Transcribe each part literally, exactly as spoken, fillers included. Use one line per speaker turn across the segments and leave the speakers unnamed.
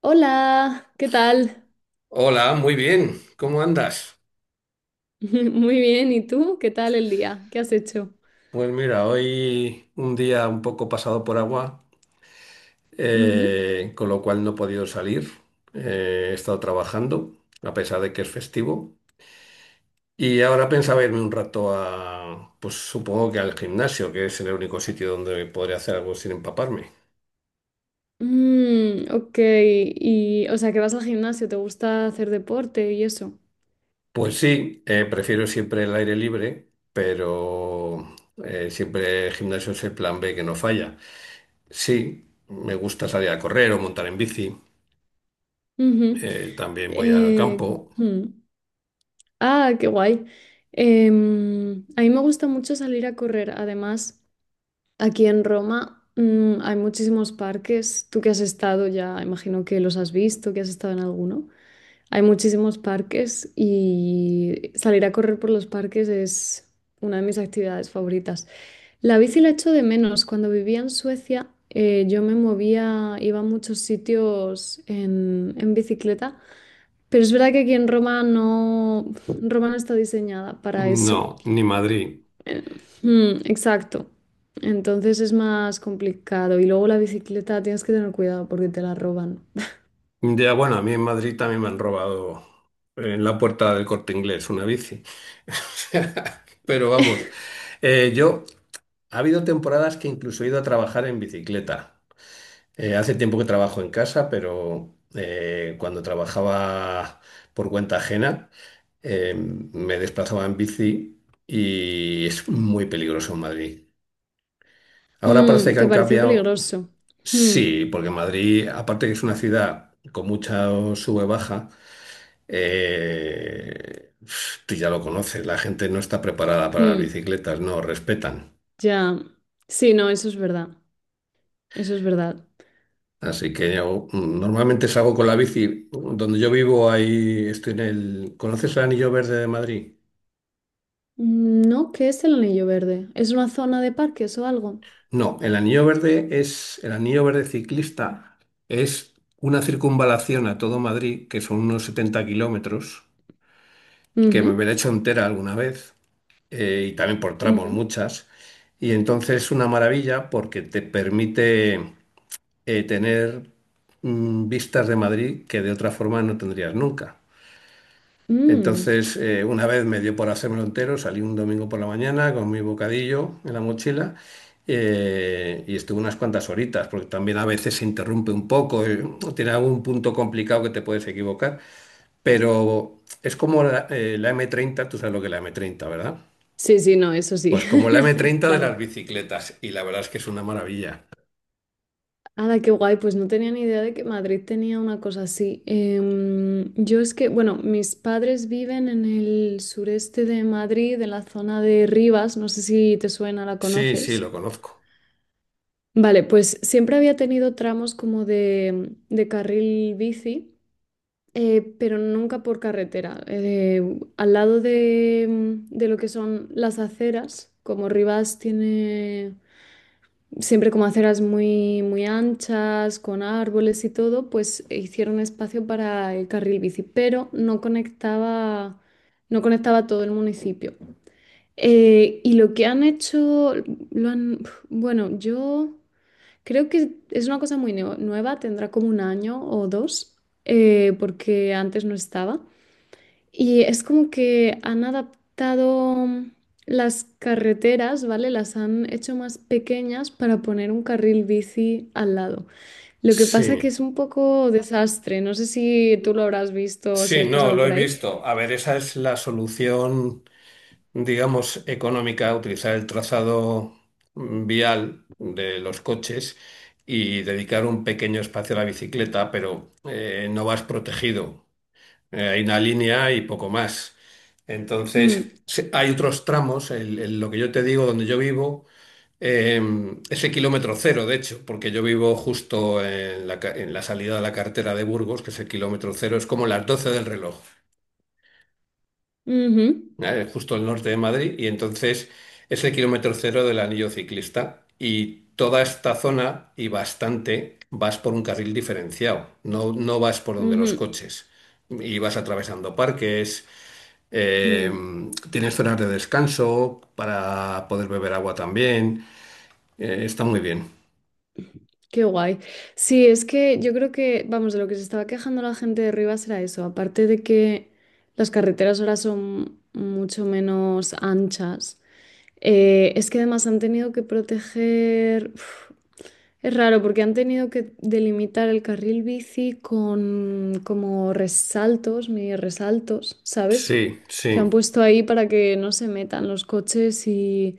Hola, ¿qué tal?
Hola, muy bien. ¿Cómo andas?
Muy bien, ¿y tú? ¿Qué tal el día? ¿Qué has hecho?
Pues mira, hoy un día un poco pasado por agua,
Ujú.
eh, con lo cual no he podido salir. Eh, he estado trabajando, a pesar de que es festivo. Y ahora pensaba irme un rato a, pues supongo que al gimnasio, que es el único sitio donde podré hacer algo sin empaparme.
Mm, ok, y o sea que vas al gimnasio, ¿te gusta hacer deporte y eso?
Pues sí, eh, prefiero siempre el aire libre, pero eh, siempre el gimnasio es el plan B que no falla. Sí, me gusta salir a correr o montar en bici.
Ujú.
Eh, también voy al
Eh,
campo.
mm. Ah, qué guay. Em, a mí me gusta mucho salir a correr. Además, aquí en Roma, mm, hay muchísimos parques. Tú que has estado ya, imagino que los has visto, que has estado en alguno. Hay muchísimos parques y salir a correr por los parques es una de mis actividades favoritas. La bici la echo de menos. Cuando vivía en Suecia, eh, yo me movía, iba a muchos sitios en, en bicicleta, pero es verdad que aquí en Roma no, Roma no está diseñada para eso.
No, ni Madrid.
Eh, mm, exacto. Entonces es más complicado. Y luego la bicicleta tienes que tener cuidado porque te la roban.
Ya, bueno, a mí en Madrid también me han robado en la puerta del Corte Inglés una bici. O sea, pero vamos, eh, yo ha habido temporadas que incluso he ido a trabajar en bicicleta. Eh, hace tiempo que trabajo en casa, pero eh, cuando trabajaba por cuenta ajena, eh, me desplazaba en bici y es muy peligroso en Madrid. Ahora
Mm,
parece que
¿te
han
pareció
cambiado.
peligroso? Mm,
Sí, porque Madrid, aparte que es una ciudad con mucha sube-baja, eh, tú ya lo conoces, la gente no está preparada para las
mm.
bicicletas, no respetan.
Ya, sí, no, eso es verdad, eso es verdad.
Así que yo mm, normalmente salgo con la bici. Donde yo vivo, ahí estoy en el... ¿Conoces el Anillo Verde de Madrid?
Mm, no, ¿qué es el Anillo Verde? ¿Es una zona de parques o algo?
No, el Anillo Verde es el Anillo Verde ciclista, es una circunvalación a todo Madrid, que son unos setenta kilómetros, que
Ujú,
me la he hecho entera alguna vez, eh, y también por tramos
ujú.
muchas. Y entonces es una maravilla porque te permite eh, tener mm, vistas de Madrid que de otra forma no tendrías nunca.
Mm.
Entonces, eh, una vez me dio por hacérmelo entero, salí un domingo por la mañana con mi bocadillo en la mochila, eh, y estuve unas cuantas horitas, porque también a veces se interrumpe un poco, eh, tiene algún punto complicado que te puedes equivocar, pero es como la, eh, la m treinta, tú sabes lo que es la m treinta, ¿verdad?
Sí, sí, no, eso sí,
Pues como la m treinta de las
claro.
bicicletas, y la verdad es que es una maravilla.
Ala, qué guay, pues no tenía ni idea de que Madrid tenía una cosa así. Em, yo es que, bueno, mis padres viven en el sureste de Madrid, en la zona de Rivas, no sé si te suena, la
Sí, sí,
conoces.
lo conozco.
Vale, pues siempre había tenido tramos como de, de carril bici. Eh, pero nunca por carretera. Eh, al lado de, mm, de lo que son las aceras, como Rivas tiene siempre como aceras muy, muy anchas, con árboles y todo, pues hicieron espacio para el carril bici, pero no conectaba, no conectaba todo el municipio. Eh, y lo que han hecho, lo han, bueno, yo creo que es una cosa muy neo- nueva, tendrá como un año o dos, eh, porque antes no estaba. Y es como que han adaptado las carreteras, ¿vale? Las han hecho más pequeñas para poner un carril bici al lado. Lo que
Sí,
pasa que es un poco desastre. No sé si tú lo habrás visto o si
sí,
has
no,
pasado
lo he
por ahí.
visto. A ver, esa es la solución, digamos, económica, utilizar el trazado mm, vial de los coches y dedicar un pequeño espacio a la bicicleta, pero eh, no vas protegido. Eh, hay una línea y poco más. Entonces,
Mm,
sí, hay otros tramos, el- el- lo que yo te digo, donde yo vivo. Eh, es el kilómetro cero, de hecho, porque yo vivo justo en la, ca- en la salida de la carretera de Burgos, que es el kilómetro cero, es como las doce del reloj,
ujú,
¿vale? Justo al norte de Madrid, y entonces es el kilómetro cero del anillo ciclista. Y toda esta zona y bastante vas por un carril diferenciado, no, no vas por donde
ujú,
los coches, y vas atravesando parques. Eh,
mm.
Tienes zonas de descanso para poder beber agua también. Eh, está muy bien.
Qué guay. Sí, es que yo creo que, vamos, de lo que se estaba quejando la gente de Rivas era eso. Aparte de que las carreteras ahora son mucho menos anchas. Eh, es que además han tenido que proteger... Uf, es raro porque han tenido que delimitar el carril bici con como resaltos, mini resaltos, ¿sabes?
Sí,
Que han
sí.
puesto ahí para que no se metan los coches y...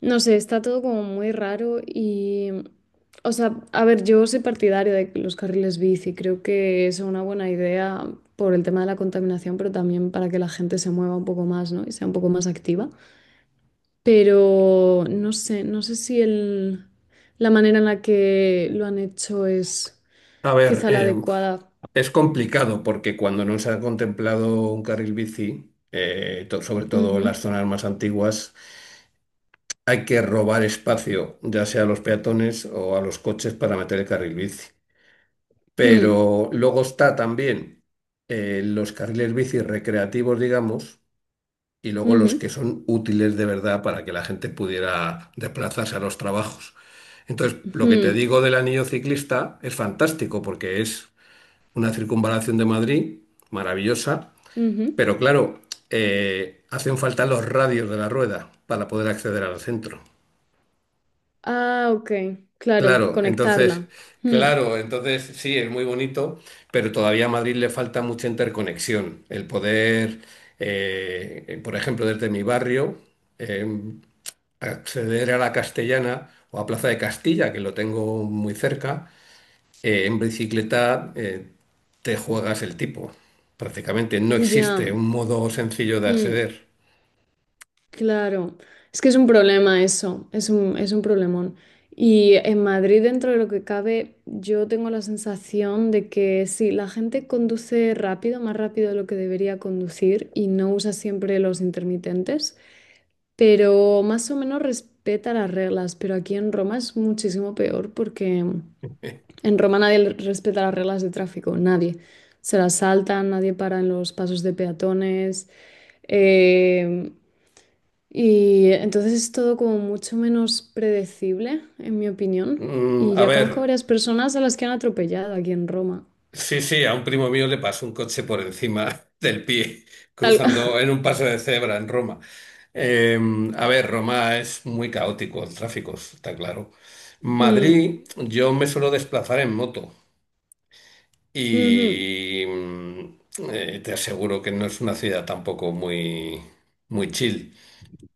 No sé, está todo como muy raro y... O sea, a ver, yo soy partidaria de los carriles bici, creo que es una buena idea por el tema de la contaminación, pero también para que la gente se mueva un poco más, ¿no? Y sea un poco más activa, pero no sé, no sé si el, la manera en la que lo han hecho es
A ver,
quizá la
eh,
adecuada.
es complicado porque cuando no se ha contemplado un carril bici, eh, to- sobre todo
Ujú,
en las zonas más antiguas, hay que robar espacio, ya sea a los peatones o a los coches para meter el carril bici.
mm,
Pero luego está también eh, los carriles bici recreativos, digamos, y luego los
ujú,
que son útiles de verdad para que la gente pudiera desplazarse a los trabajos. Entonces, lo que te
ujú,
digo del anillo ciclista es fantástico porque es una circunvalación de Madrid, maravillosa,
ujú.
pero claro, eh, hacen falta los radios de la rueda para poder acceder al centro.
Ah, ok, claro,
Claro, entonces,
conectarla. Mm.
claro, entonces sí, es muy bonito, pero todavía a Madrid le falta mucha interconexión. El poder, eh, por ejemplo, desde mi barrio, eh, acceder a la Castellana o a Plaza de Castilla, que lo tengo muy cerca. Eh, en bicicleta eh, te juegas el tipo. Prácticamente no
Ya.
existe un modo sencillo de
Mm.
acceder.
Claro, es que es un problema eso, es un, es un problemón. Y en Madrid, dentro de lo que cabe, yo tengo la sensación de que sí, la gente conduce rápido, más rápido de lo que debería conducir y no usa siempre los intermitentes, pero más o menos respeta las reglas. Pero aquí en Roma es muchísimo peor porque en Roma nadie le- respeta las reglas de tráfico, nadie. Se las saltan, nadie para en los pasos de peatones. Em, y entonces es todo como mucho menos predecible, en mi opinión.
Mm,
Y
a
ya
ver,
conozco varias personas a las que han atropellado aquí en Roma.
sí, sí, a un primo mío le pasó un coche por encima del pie,
Tal-
cruzando en un paso de cebra en Roma. Eh, a ver, Roma es muy caótico el tráfico, está claro.
Mm,
Madrid, yo me suelo desplazar en moto
ujú.
y mm, eh, te aseguro que no es una ciudad tampoco muy, muy chill.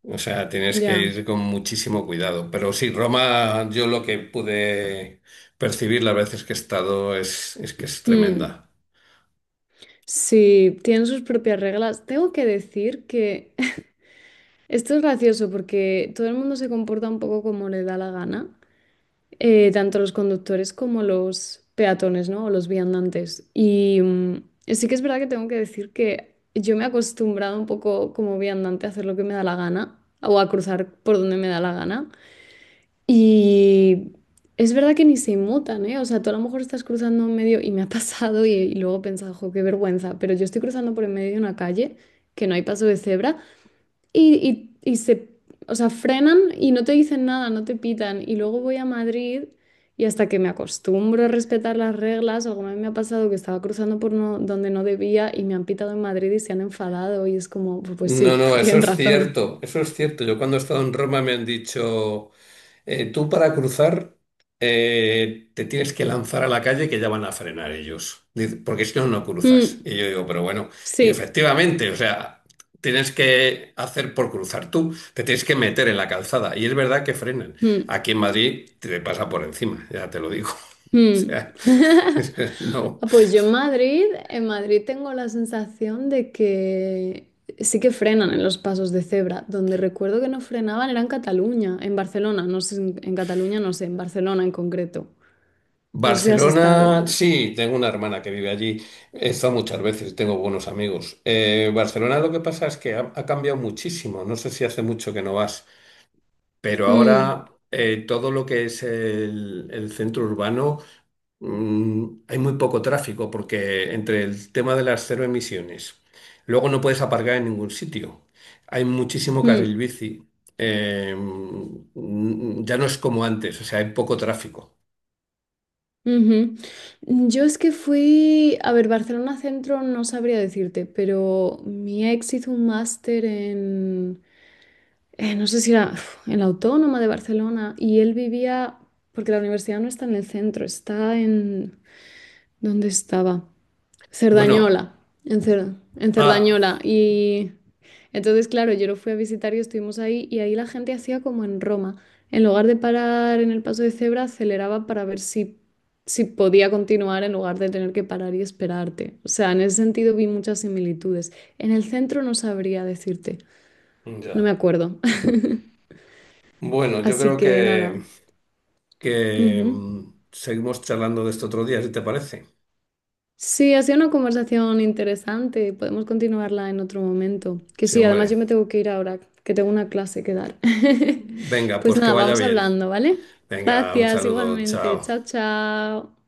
O sea, tienes que
Ya.
ir con muchísimo cuidado. Pero sí, Roma, yo lo que pude percibir las veces que he estado es, es que es
Mm.
tremenda.
Sí, tienen sus propias reglas. Tengo que decir que esto es gracioso porque todo el mundo se comporta un poco como le da la gana. Eh, tanto los conductores como los peatones, ¿no? O los viandantes. Y mm, sí que es verdad que tengo que decir que yo me he acostumbrado un poco como viandante a hacer lo que me da la gana o a cruzar por donde me da la gana. Y es verdad que ni se inmutan, ¿eh? O sea, tú a lo mejor estás cruzando en medio y me ha pasado y, y luego he pensado, jo, qué vergüenza, pero yo estoy cruzando por en medio de una calle que no hay paso de cebra. Y, y- y se, o sea, frenan y no te dicen nada, no te pitan. Y luego voy a Madrid y hasta que me acostumbro a respetar las reglas, alguna vez me ha pasado que estaba cruzando por no- donde no debía y me han pitado en Madrid y se han enfadado y es como, pues, pues
No,
sí,
no, eso
tienen
es
razón.
cierto, eso es cierto. Yo cuando he estado en Roma me han dicho... Eh, tú para cruzar, eh, te tienes que lanzar a la calle que ya van a frenar ellos, dice, porque si no, no cruzas.
Mm,
Y yo digo, pero bueno, y
sí.
efectivamente, o sea, tienes que hacer por cruzar tú, te tienes que meter en la calzada. Y es verdad que frenan.
Mm,
Aquí en Madrid te pasa por encima, ya te lo digo. O
mm.
sea, no.
Ah, pues yo en Madrid, en Madrid tengo la sensación de que sí que frenan en los pasos de cebra. Donde recuerdo que no frenaban era en Cataluña, en Barcelona, no sé, en, en Cataluña no sé, en Barcelona en concreto. No sé si has estado.
Barcelona, sí, tengo una hermana que vive allí. He estado muchas veces, tengo buenos amigos. Eh, Barcelona, lo que pasa es que ha, ha cambiado muchísimo. No sé si hace mucho que no vas, pero
Mm,
ahora eh, todo lo que es el, el centro urbano, mm, hay muy poco tráfico porque entre el tema de las cero emisiones, luego no puedes aparcar en ningún sitio. Hay muchísimo carril
mm,
bici. Eh, mm, ya no es como antes, o sea, hay poco tráfico.
ujú. Yo es que fui, a ver, Barcelona Centro no sabría decirte, pero mi ex hizo un máster en eh, no sé si era uf, en la Autónoma de Barcelona, y él vivía, porque la universidad no está en el centro, está en, ¿dónde estaba?
Bueno,
Cerdañola, en, Cer- en
ah.
Cerdañola. Y entonces, claro, yo lo fui a visitar y estuvimos ahí, y ahí la gente hacía como en Roma. En lugar de parar en el paso de cebra, aceleraba para ver si, si podía continuar en lugar de tener que parar y esperarte. O sea, en ese sentido vi muchas similitudes. En el centro no sabría decirte, no me
Ya.
acuerdo.
Bueno, yo
Así
creo
que nada.
que, que
Ujú.
mm, seguimos charlando de esto otro día, si te parece.
Sí, ha sido una conversación interesante. Podemos continuarla en otro momento. Que
Sí,
sí, además
hombre.
yo me tengo que ir ahora, que tengo una clase que dar.
Venga,
Pues
pues que
nada,
vaya
vamos
bien.
hablando, ¿vale?
Venga, un
Gracias,
saludo,
igualmente.
chao.
Chao, chao.